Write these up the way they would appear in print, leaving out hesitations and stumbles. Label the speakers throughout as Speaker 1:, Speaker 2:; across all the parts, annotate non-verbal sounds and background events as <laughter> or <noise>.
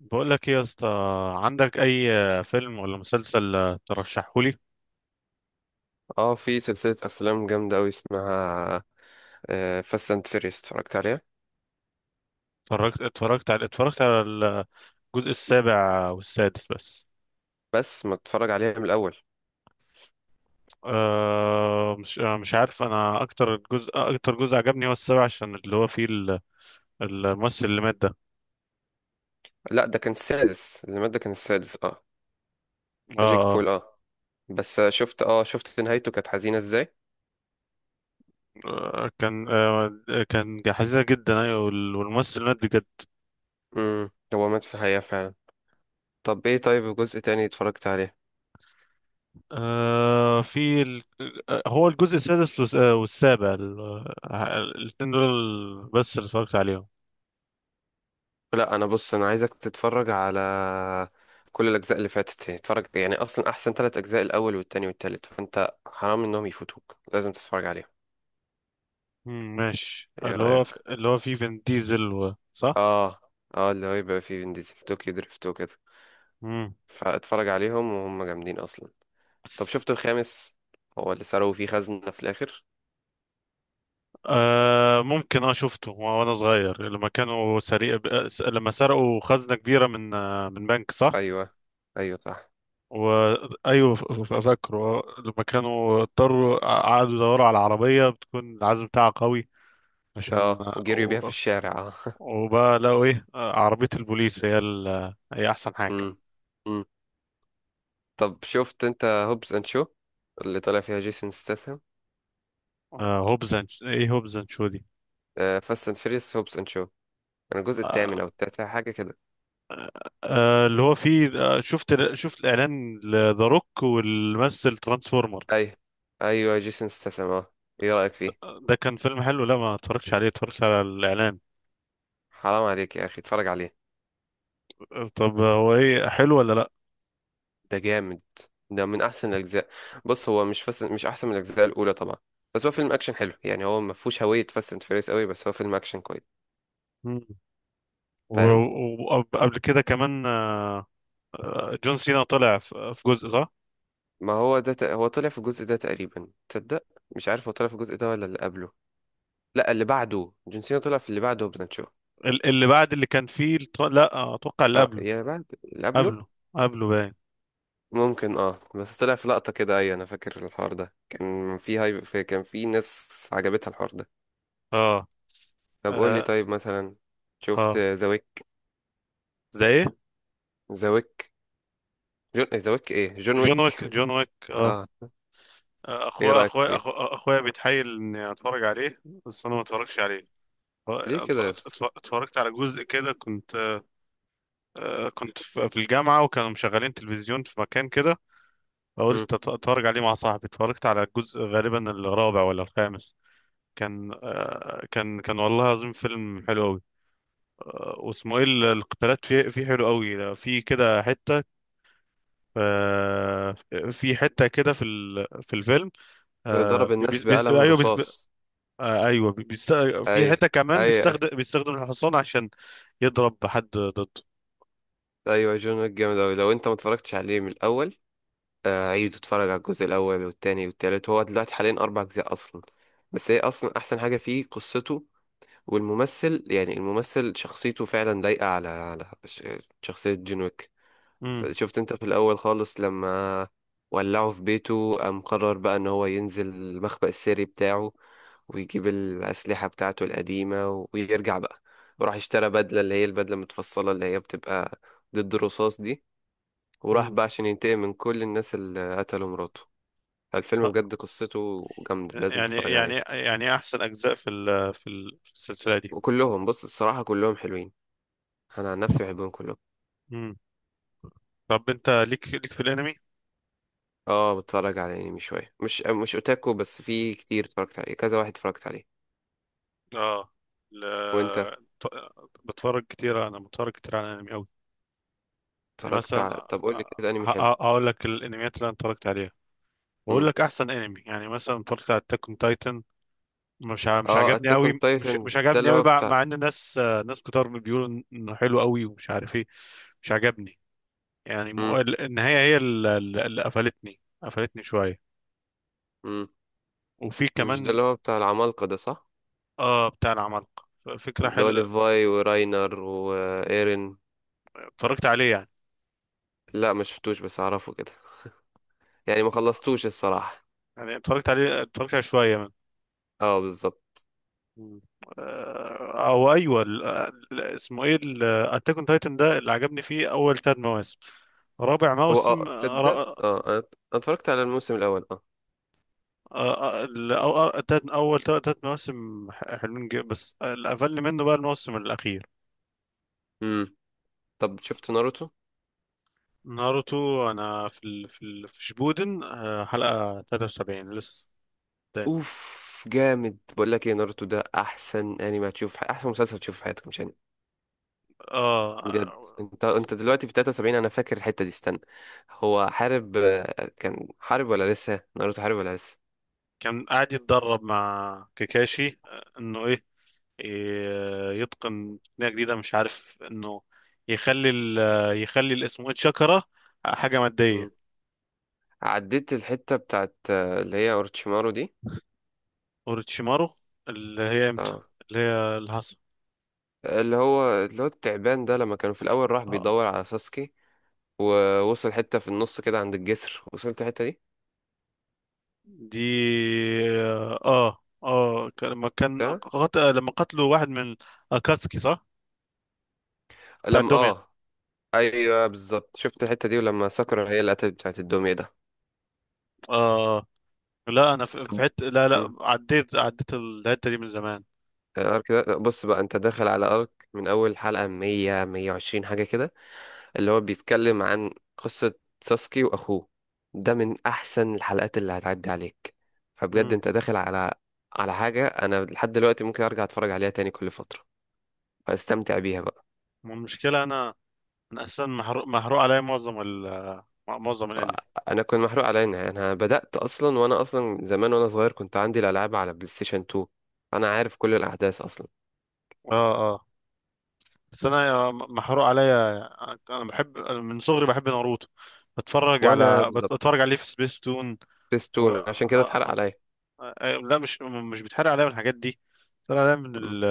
Speaker 1: بقول لك ايه يا اسطى، عندك اي فيلم ولا مسلسل ترشحه لي؟
Speaker 2: اه في سلسلة أفلام جامدة أوي اسمها فاست أند فيريوس، اتفرجت عليها.
Speaker 1: اتفرجت على الجزء السابع والسادس بس.
Speaker 2: بس ما اتفرج عليها من الأول.
Speaker 1: أه، مش عارف، انا اكتر جزء عجبني هو السابع عشان اللي هو فيه الممثل اللي مات ده.
Speaker 2: لا، ده كان السادس، العماد ده كان السادس، اه. جيك
Speaker 1: اه،
Speaker 2: بول، اه. بس شفت نهايته كانت حزينة ازاي.
Speaker 1: آه، آه، كان آه كان حزينة جدا، ايوه، والممثل مات بجد.
Speaker 2: هو مات في الحقيقة فعلا. طب ايه، طيب جزء تاني اتفرجت عليه؟
Speaker 1: آه في ال... هو الجزء السادس والسابع، الاتنين دول بس اللي اتفرجت عليهم.
Speaker 2: لا، انا بص، انا عايزك تتفرج على كل الأجزاء اللي فاتت، اتفرج يعني، أصلا أحسن 3 أجزاء الأول والتاني والتالت، فأنت حرام إنهم يفوتوك، لازم تتفرج عليهم.
Speaker 1: ماشي،
Speaker 2: ايه
Speaker 1: اللي هو
Speaker 2: رأيك؟
Speaker 1: اللي هو فيه فين ديزل صح؟
Speaker 2: اه. اه اللي هو يبقى فيه فين ديزل طوكيو دريفت وكده.
Speaker 1: مم.
Speaker 2: فاتفرج عليهم، وهم جامدين اصلا. طب شفت الخامس، هو اللي سرقوا فيه خزنة في الاخر؟
Speaker 1: آه ممكن، اه شفته وانا صغير لما كانوا لما سرقوا خزنة كبيرة من من بنك، صح؟
Speaker 2: ايوه، ايوه صح.
Speaker 1: أيوه، فاكره، لما كانوا قعدوا يدوروا على عربية بتكون العزم بتاعها قوي عشان
Speaker 2: اه وجريوا بيها في الشارع، اه <laughs>
Speaker 1: وبقى لقوا ايه، عربية البوليس، هي احسن حاجة.
Speaker 2: امم. امم. طب شفت انت هوبس اند شو، اللي طالع فيها جيسون ستاثام؟
Speaker 1: ايه هوبز اند شو دي؟
Speaker 2: فاست اند فيريوس هوبس اند شو، كان الجزء
Speaker 1: آه،
Speaker 2: الثامن او التاسع حاجه كده.
Speaker 1: اللي هو فيه، شفت الاعلان، لذا روك واللي مثل ترانسفورمر.
Speaker 2: ايوه، ايوه جيسون ستاثام، اه. ايه رايك فيه؟
Speaker 1: ده كان فيلم حلو؟ لا، ما اتفرجتش عليه، اتفرجت على الاعلان.
Speaker 2: حرام عليك يا اخي، اتفرج عليه.
Speaker 1: طب هو ايه، حلو ولا لا؟
Speaker 2: ده جامد، ده من احسن الاجزاء. بص، هو مش فاست، مش احسن من الاجزاء الاولى طبعا، بس هو فيلم اكشن حلو يعني، هو ما فيهوش هويه فاست اند فيريس قوي، بس هو فيلم اكشن كويس.
Speaker 1: مم.
Speaker 2: فاهم.
Speaker 1: وقبل كده كمان جون سينا طلع في جزء، صح؟
Speaker 2: ما هو ده هو طلع في الجزء ده تقريبا تصدق. مش عارف هو طلع في الجزء ده ولا اللي قبله. لا، اللي بعده، جون سينا طلع في اللي بعده وبناتشو.
Speaker 1: اللي بعد اللي كان فيه لا، اتوقع اللي
Speaker 2: اه،
Speaker 1: قبله.
Speaker 2: يا بعد اللي قبله.
Speaker 1: قبله. قبله باين.
Speaker 2: ممكن، اه، بس طلع في لقطه كده. ايوه، انا فاكر الحوار ده كان كان في ناس عجبتها الحوار ده.
Speaker 1: اه.
Speaker 2: طب قول لي،
Speaker 1: اه.
Speaker 2: طيب مثلا، شفت
Speaker 1: اه.
Speaker 2: ذا ويك؟
Speaker 1: زي ايه؟
Speaker 2: ذا ويك، جون
Speaker 1: جون
Speaker 2: ويك،
Speaker 1: ويك جون ويك اه.
Speaker 2: اه. ايه رأيك فيه؟
Speaker 1: اخويا بيتحايل اني اتفرج عليه بس انا ما اتفرجش عليه.
Speaker 2: ليه كده يا اسطى؟
Speaker 1: اتفرجت على جزء كده، كنت كنت في الجامعة وكانوا مشغلين تلفزيون في مكان كده،
Speaker 2: مم.
Speaker 1: فقلت اتفرج عليه مع صاحبي. اتفرجت على الجزء، غالبا الرابع ولا الخامس. كان كان والله العظيم فيلم حلو قوي. واسمه ايه، القتالات فيه، فيه حلو قوي، في كده حتة، آه، في حتة كده في في الفيلم،
Speaker 2: ضرب الناس بقلم
Speaker 1: ايوه،
Speaker 2: رصاص.
Speaker 1: ايوه،
Speaker 2: اي،
Speaker 1: في حتة كمان
Speaker 2: اي، اي.
Speaker 1: بيستخدم الحصان عشان يضرب حد ضده.
Speaker 2: ايوه، جون ويك جامد اوي. لو انت ما اتفرجتش عليه من الاول، عيد، اتفرج على الجزء الاول والتاني والتالت، هو دلوقتي حاليا 4 اجزاء اصلا. بس هي اصلا احسن حاجه فيه قصته. والممثل يعني الممثل شخصيته فعلا لايقه على شخصيه جون ويك. شفت انت في الاول خالص لما ولعه في بيته، قام قرر بقى ان هو ينزل المخبأ السري بتاعه، ويجيب الأسلحة بتاعته القديمة، ويرجع بقى، وراح اشترى بدلة، اللي هي البدلة المتفصلة اللي هي بتبقى ضد الرصاص دي، وراح
Speaker 1: مم.
Speaker 2: بقى عشان ينتقم من كل الناس اللي قتلوا مراته. الفيلم
Speaker 1: ه-
Speaker 2: بجد قصته جامدة، لازم
Speaker 1: يعني
Speaker 2: تتفرج
Speaker 1: يعني
Speaker 2: عليه.
Speaker 1: يعني احسن اجزاء في في السلسله دي.
Speaker 2: وكلهم، بص الصراحة، كلهم حلوين، انا عن نفسي بحبهم كلهم.
Speaker 1: مم. طب انت ليك، في الانمي؟
Speaker 2: اه، بتفرج على انمي شوية، مش اوتاكو، بس في كتير اتفرجت عليه، كذا واحد اتفرجت عليه.
Speaker 1: اه. ل...
Speaker 2: وانت؟
Speaker 1: ط- بتفرج كتير؟ انا بتفرج كتير على الانمي قوي. يعني مثلا،
Speaker 2: طب قول لي كده انمي حلو.
Speaker 1: اقول لك الانميات اللي انا اتفرجت عليها واقول
Speaker 2: امم
Speaker 1: لك احسن انمي. يعني مثلا اتفرجت على اتاك اون تايتن. مش
Speaker 2: اه،
Speaker 1: عجبني
Speaker 2: اتاك اون
Speaker 1: قوي، مش
Speaker 2: تايتن
Speaker 1: مش
Speaker 2: ده
Speaker 1: عجبني
Speaker 2: اللي
Speaker 1: قوي،
Speaker 2: هو
Speaker 1: مع
Speaker 2: بتاع.
Speaker 1: ان ناس، ناس كتار بيقولوا انه حلو قوي ومش عارف ايه. مش عجبني. يعني مو-
Speaker 2: امم.
Speaker 1: النهايه هي اللي، قفلتني، شويه.
Speaker 2: امم.
Speaker 1: وفي
Speaker 2: مش ده
Speaker 1: كمان،
Speaker 2: اللي هو بتاع العمالقة ده، صح؟
Speaker 1: اه، بتاع العمالقة، فكرة
Speaker 2: اللي هو
Speaker 1: حلوة.
Speaker 2: ليفاي وراينر وايرين.
Speaker 1: اتفرجت عليه يعني،
Speaker 2: لا، ما شفتوش بس اعرفه كده، يعني ما خلصتوش الصراحة.
Speaker 1: يعني اتفرجت عليه، اتفرجت على شوية منه.
Speaker 2: اه، بالظبط.
Speaker 1: مم. آه، او ايوه، اسمه ايه، اتاك اون تايتن ده، اللي عجبني فيه اول ثلاث مواسم. رابع
Speaker 2: هو،
Speaker 1: موسم،
Speaker 2: تصدق، انا اتفرجت على الموسم الاول، اه.
Speaker 1: آه، آه، ال- أو- اول ثلاث مواسم حلوين جدا بس الاقل منه بقى الموسم الاخير.
Speaker 2: امم. طب شفت ناروتو؟
Speaker 1: ناروتو، انا في في شبودن، حلقة 73 لسه قدام.
Speaker 2: اوف. جامد. بقول لك ايه، ناروتو ده احسن انمي هتشوف، احسن مسلسل تشوفه في حياتك، مش انمي،
Speaker 1: اه.
Speaker 2: بجد. انت دلوقتي في 73، انا فاكر الحتة دي، استنى. هو حارب كان حارب، ولا لسه ناروتو حارب ولا لسه؟
Speaker 1: كان قاعد يتدرب مع كاكاشي، انه ايه، يتقن تقنية جديدة، مش عارف، انه يخلي ال، يخلي الاسمه شاكرا حاجة
Speaker 2: مم.
Speaker 1: مادية.
Speaker 2: عديت الحتة بتاعت اللي هي اورتشيمارو دي.
Speaker 1: اوروتشيمارو، اللي هي امتى؟
Speaker 2: اه.
Speaker 1: اللي هي الهصا؟
Speaker 2: اللي هو التعبان ده، لما كانوا في الاول راح
Speaker 1: اه.
Speaker 2: بيدور على ساسكي، ووصل حتة في النص كده عند الجسر، وصلت الحتة دي.
Speaker 1: دي؟ اه، اه،
Speaker 2: ده
Speaker 1: لما قتلوا واحد من اكاتسكي، صح؟ بتاع
Speaker 2: لما
Speaker 1: الدمية.
Speaker 2: اه ايوه بالظبط، شفت الحتة دي، ولما ساكورا هي اللي قتلت بتاعت الدمية ده.
Speaker 1: اه. لا انا في
Speaker 2: طب.
Speaker 1: حته، لا، لا،
Speaker 2: امم.
Speaker 1: عديت الحتة دي من زمان.
Speaker 2: الارك ده بص بقى، انت داخل على ارك من اول حلقة 100، 120 حاجة كده، اللي هو بيتكلم عن قصة ساسكي وأخوه، ده من أحسن الحلقات اللي هتعدي عليك، فبجد
Speaker 1: مم.
Speaker 2: أنت داخل على حاجة أنا لحد دلوقتي ممكن أرجع أتفرج عليها تاني كل فترة، فاستمتع بيها بقى.
Speaker 1: المشكلة انا، انا اساسا محروق، عليا معظم معظم الانمي.
Speaker 2: أنا كنت محروق على إنها، أنا بدأت أصلا، وأنا أصلا زمان وأنا صغير كنت عندي الألعاب على بلاي ستيشن 2، أنا عارف كل الأحداث أصلا.
Speaker 1: اه. اه. بس انا محروق عليا، انا بحب، أنا من صغري بحب ناروتو، بتفرج
Speaker 2: وأنا
Speaker 1: على
Speaker 2: بالظبط،
Speaker 1: بتفرج عليه في سبيس تون. و...
Speaker 2: بستون عشان
Speaker 1: آه...
Speaker 2: كده اتحرق عليا.
Speaker 1: آه... آه، لا، مش بيتحرق عليا من الحاجات دي، بيتحرق عليا
Speaker 2: مم.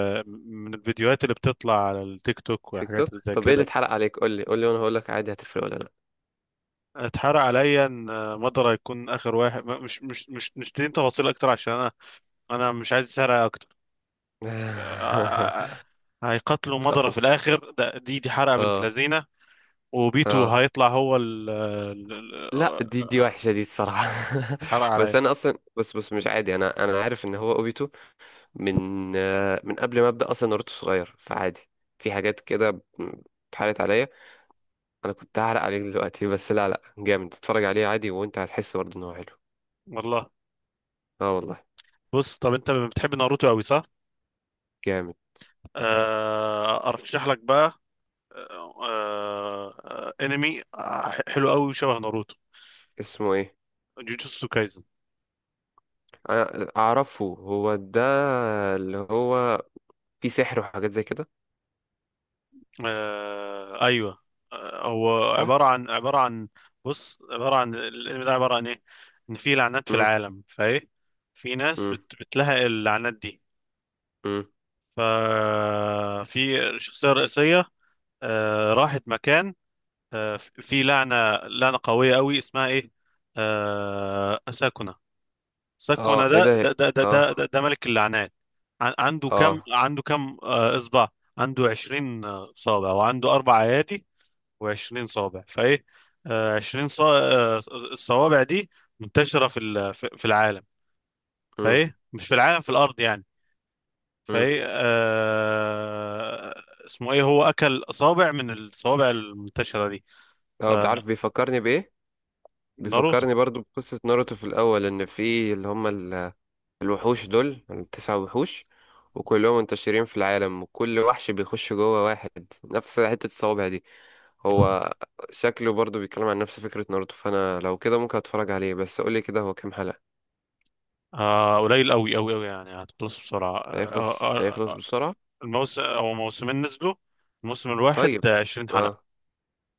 Speaker 1: من الفيديوهات اللي بتطلع على التيك توك
Speaker 2: تيك
Speaker 1: والحاجات اللي
Speaker 2: توك،
Speaker 1: زي
Speaker 2: طب إيه اللي
Speaker 1: كده.
Speaker 2: اتحرق عليك؟ قول لي، قول لي وأنا هقول لك، عادي هتفرق ولا؟
Speaker 1: اتحرق عليا ان، مضرة يكون اخر واحد. مش تدين تفاصيل اكتر عشان انا، انا مش عايز اسرق.
Speaker 2: لأ.
Speaker 1: آه، هيقتلوا
Speaker 2: <laughs>
Speaker 1: مضرة
Speaker 2: خلاص.
Speaker 1: في الآخر، ده دي حرقة بنت
Speaker 2: اه
Speaker 1: لذينة. وبيتو
Speaker 2: اه
Speaker 1: هيطلع هو
Speaker 2: لا، دي وحشة دي الصراحة.
Speaker 1: اتحرق
Speaker 2: <laughs> بس
Speaker 1: عليا.
Speaker 2: انا اصلا، بس مش عادي، انا عارف ان هو اوبيتو من من قبل ما ابدا اصلا ناروتو صغير، فعادي. في حاجات كده اتحرقت عليا. انا كنت هعرق عليك دلوقتي <laughs> بس لا، لا جامد، اتفرج عليه عادي وانت هتحس برضه ان هو حلو.
Speaker 1: والله.
Speaker 2: اه والله.
Speaker 1: بص، طب انت بتحب ناروتو قوي، صح؟
Speaker 2: جامد.
Speaker 1: ارشح لك بقى انمي حلو قوي وشبه ناروتو.
Speaker 2: اسمه ايه؟
Speaker 1: جوجوتسو كايزن.
Speaker 2: انا اعرفه هو ده، اللي هو في سحر وحاجات زي كده،
Speaker 1: ايوه، آه، هو
Speaker 2: صح.
Speaker 1: عبارة عن عبارة عن، بص، عبارة عن الانمي ده، عبارة عن ايه؟ ان في لعنات في
Speaker 2: امم.
Speaker 1: العالم، فايه، في ناس
Speaker 2: امم.
Speaker 1: بتلحق اللعنات دي.
Speaker 2: امم.
Speaker 1: ففي شخصية رئيسية، راحت مكان، في لعنة، قوية قوي، اسمها ايه، ساكونة.
Speaker 2: اه،
Speaker 1: ساكونة
Speaker 2: ايه
Speaker 1: ده،
Speaker 2: ده؟ اه.
Speaker 1: ده ملك اللعنات. عنده كم
Speaker 2: اه.
Speaker 1: عنده كم إصبع، عنده 20 صابع وعنده أربع أيادي و20 صابع، فإيه، آه، 20 صا- آه، الصوابع دي منتشرة في في العالم،
Speaker 2: امم.
Speaker 1: فإيه مش في العالم، في الأرض يعني.
Speaker 2: امم.
Speaker 1: فهي آه... اسمه ايه، هو اكل اصابع من الصوابع المنتشره دي.
Speaker 2: اه، بعرف، بيفكرني بايه،
Speaker 1: فناروتو،
Speaker 2: بيفكرني برضو بقصة ناروتو في الأول، إن في اللي هم الوحوش دول التسع وحوش، وكلهم منتشرين في العالم، وكل وحش بيخش جوه واحد، نفس حتة الصوابع دي. هو شكله برضو بيتكلم عن نفس فكرة ناروتو، فأنا لو كده ممكن أتفرج عليه، بس قولي كده هو كام حلقة؟
Speaker 1: آه قليل قوي قوي، يعني هتخلص بسرعه.
Speaker 2: هيخلص هيخلص بسرعة.
Speaker 1: الموسم او موسمين نزلوا، الموسم الواحد
Speaker 2: طيب.
Speaker 1: 20 حلقه.
Speaker 2: اه.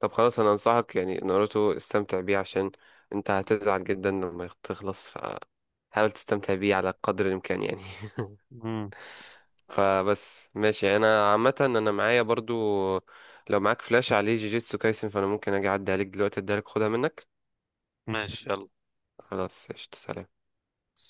Speaker 2: طب خلاص أنا أنصحك يعني، ناروتو استمتع بيه عشان أنت هتزعل جدا لما تخلص، فحاول تستمتع بيه على قدر الإمكان يعني <laughs>
Speaker 1: مم. آه
Speaker 2: فبس، ماشي، انا عامه انا معايا برضو، لو معاك فلاش عليه جيجيتسو كايسن فانا ممكن اجي اعدي عليك دلوقتي، اديها لك، خدها منك.
Speaker 1: ماشي يلا.
Speaker 2: خلاص قشطة، سلام.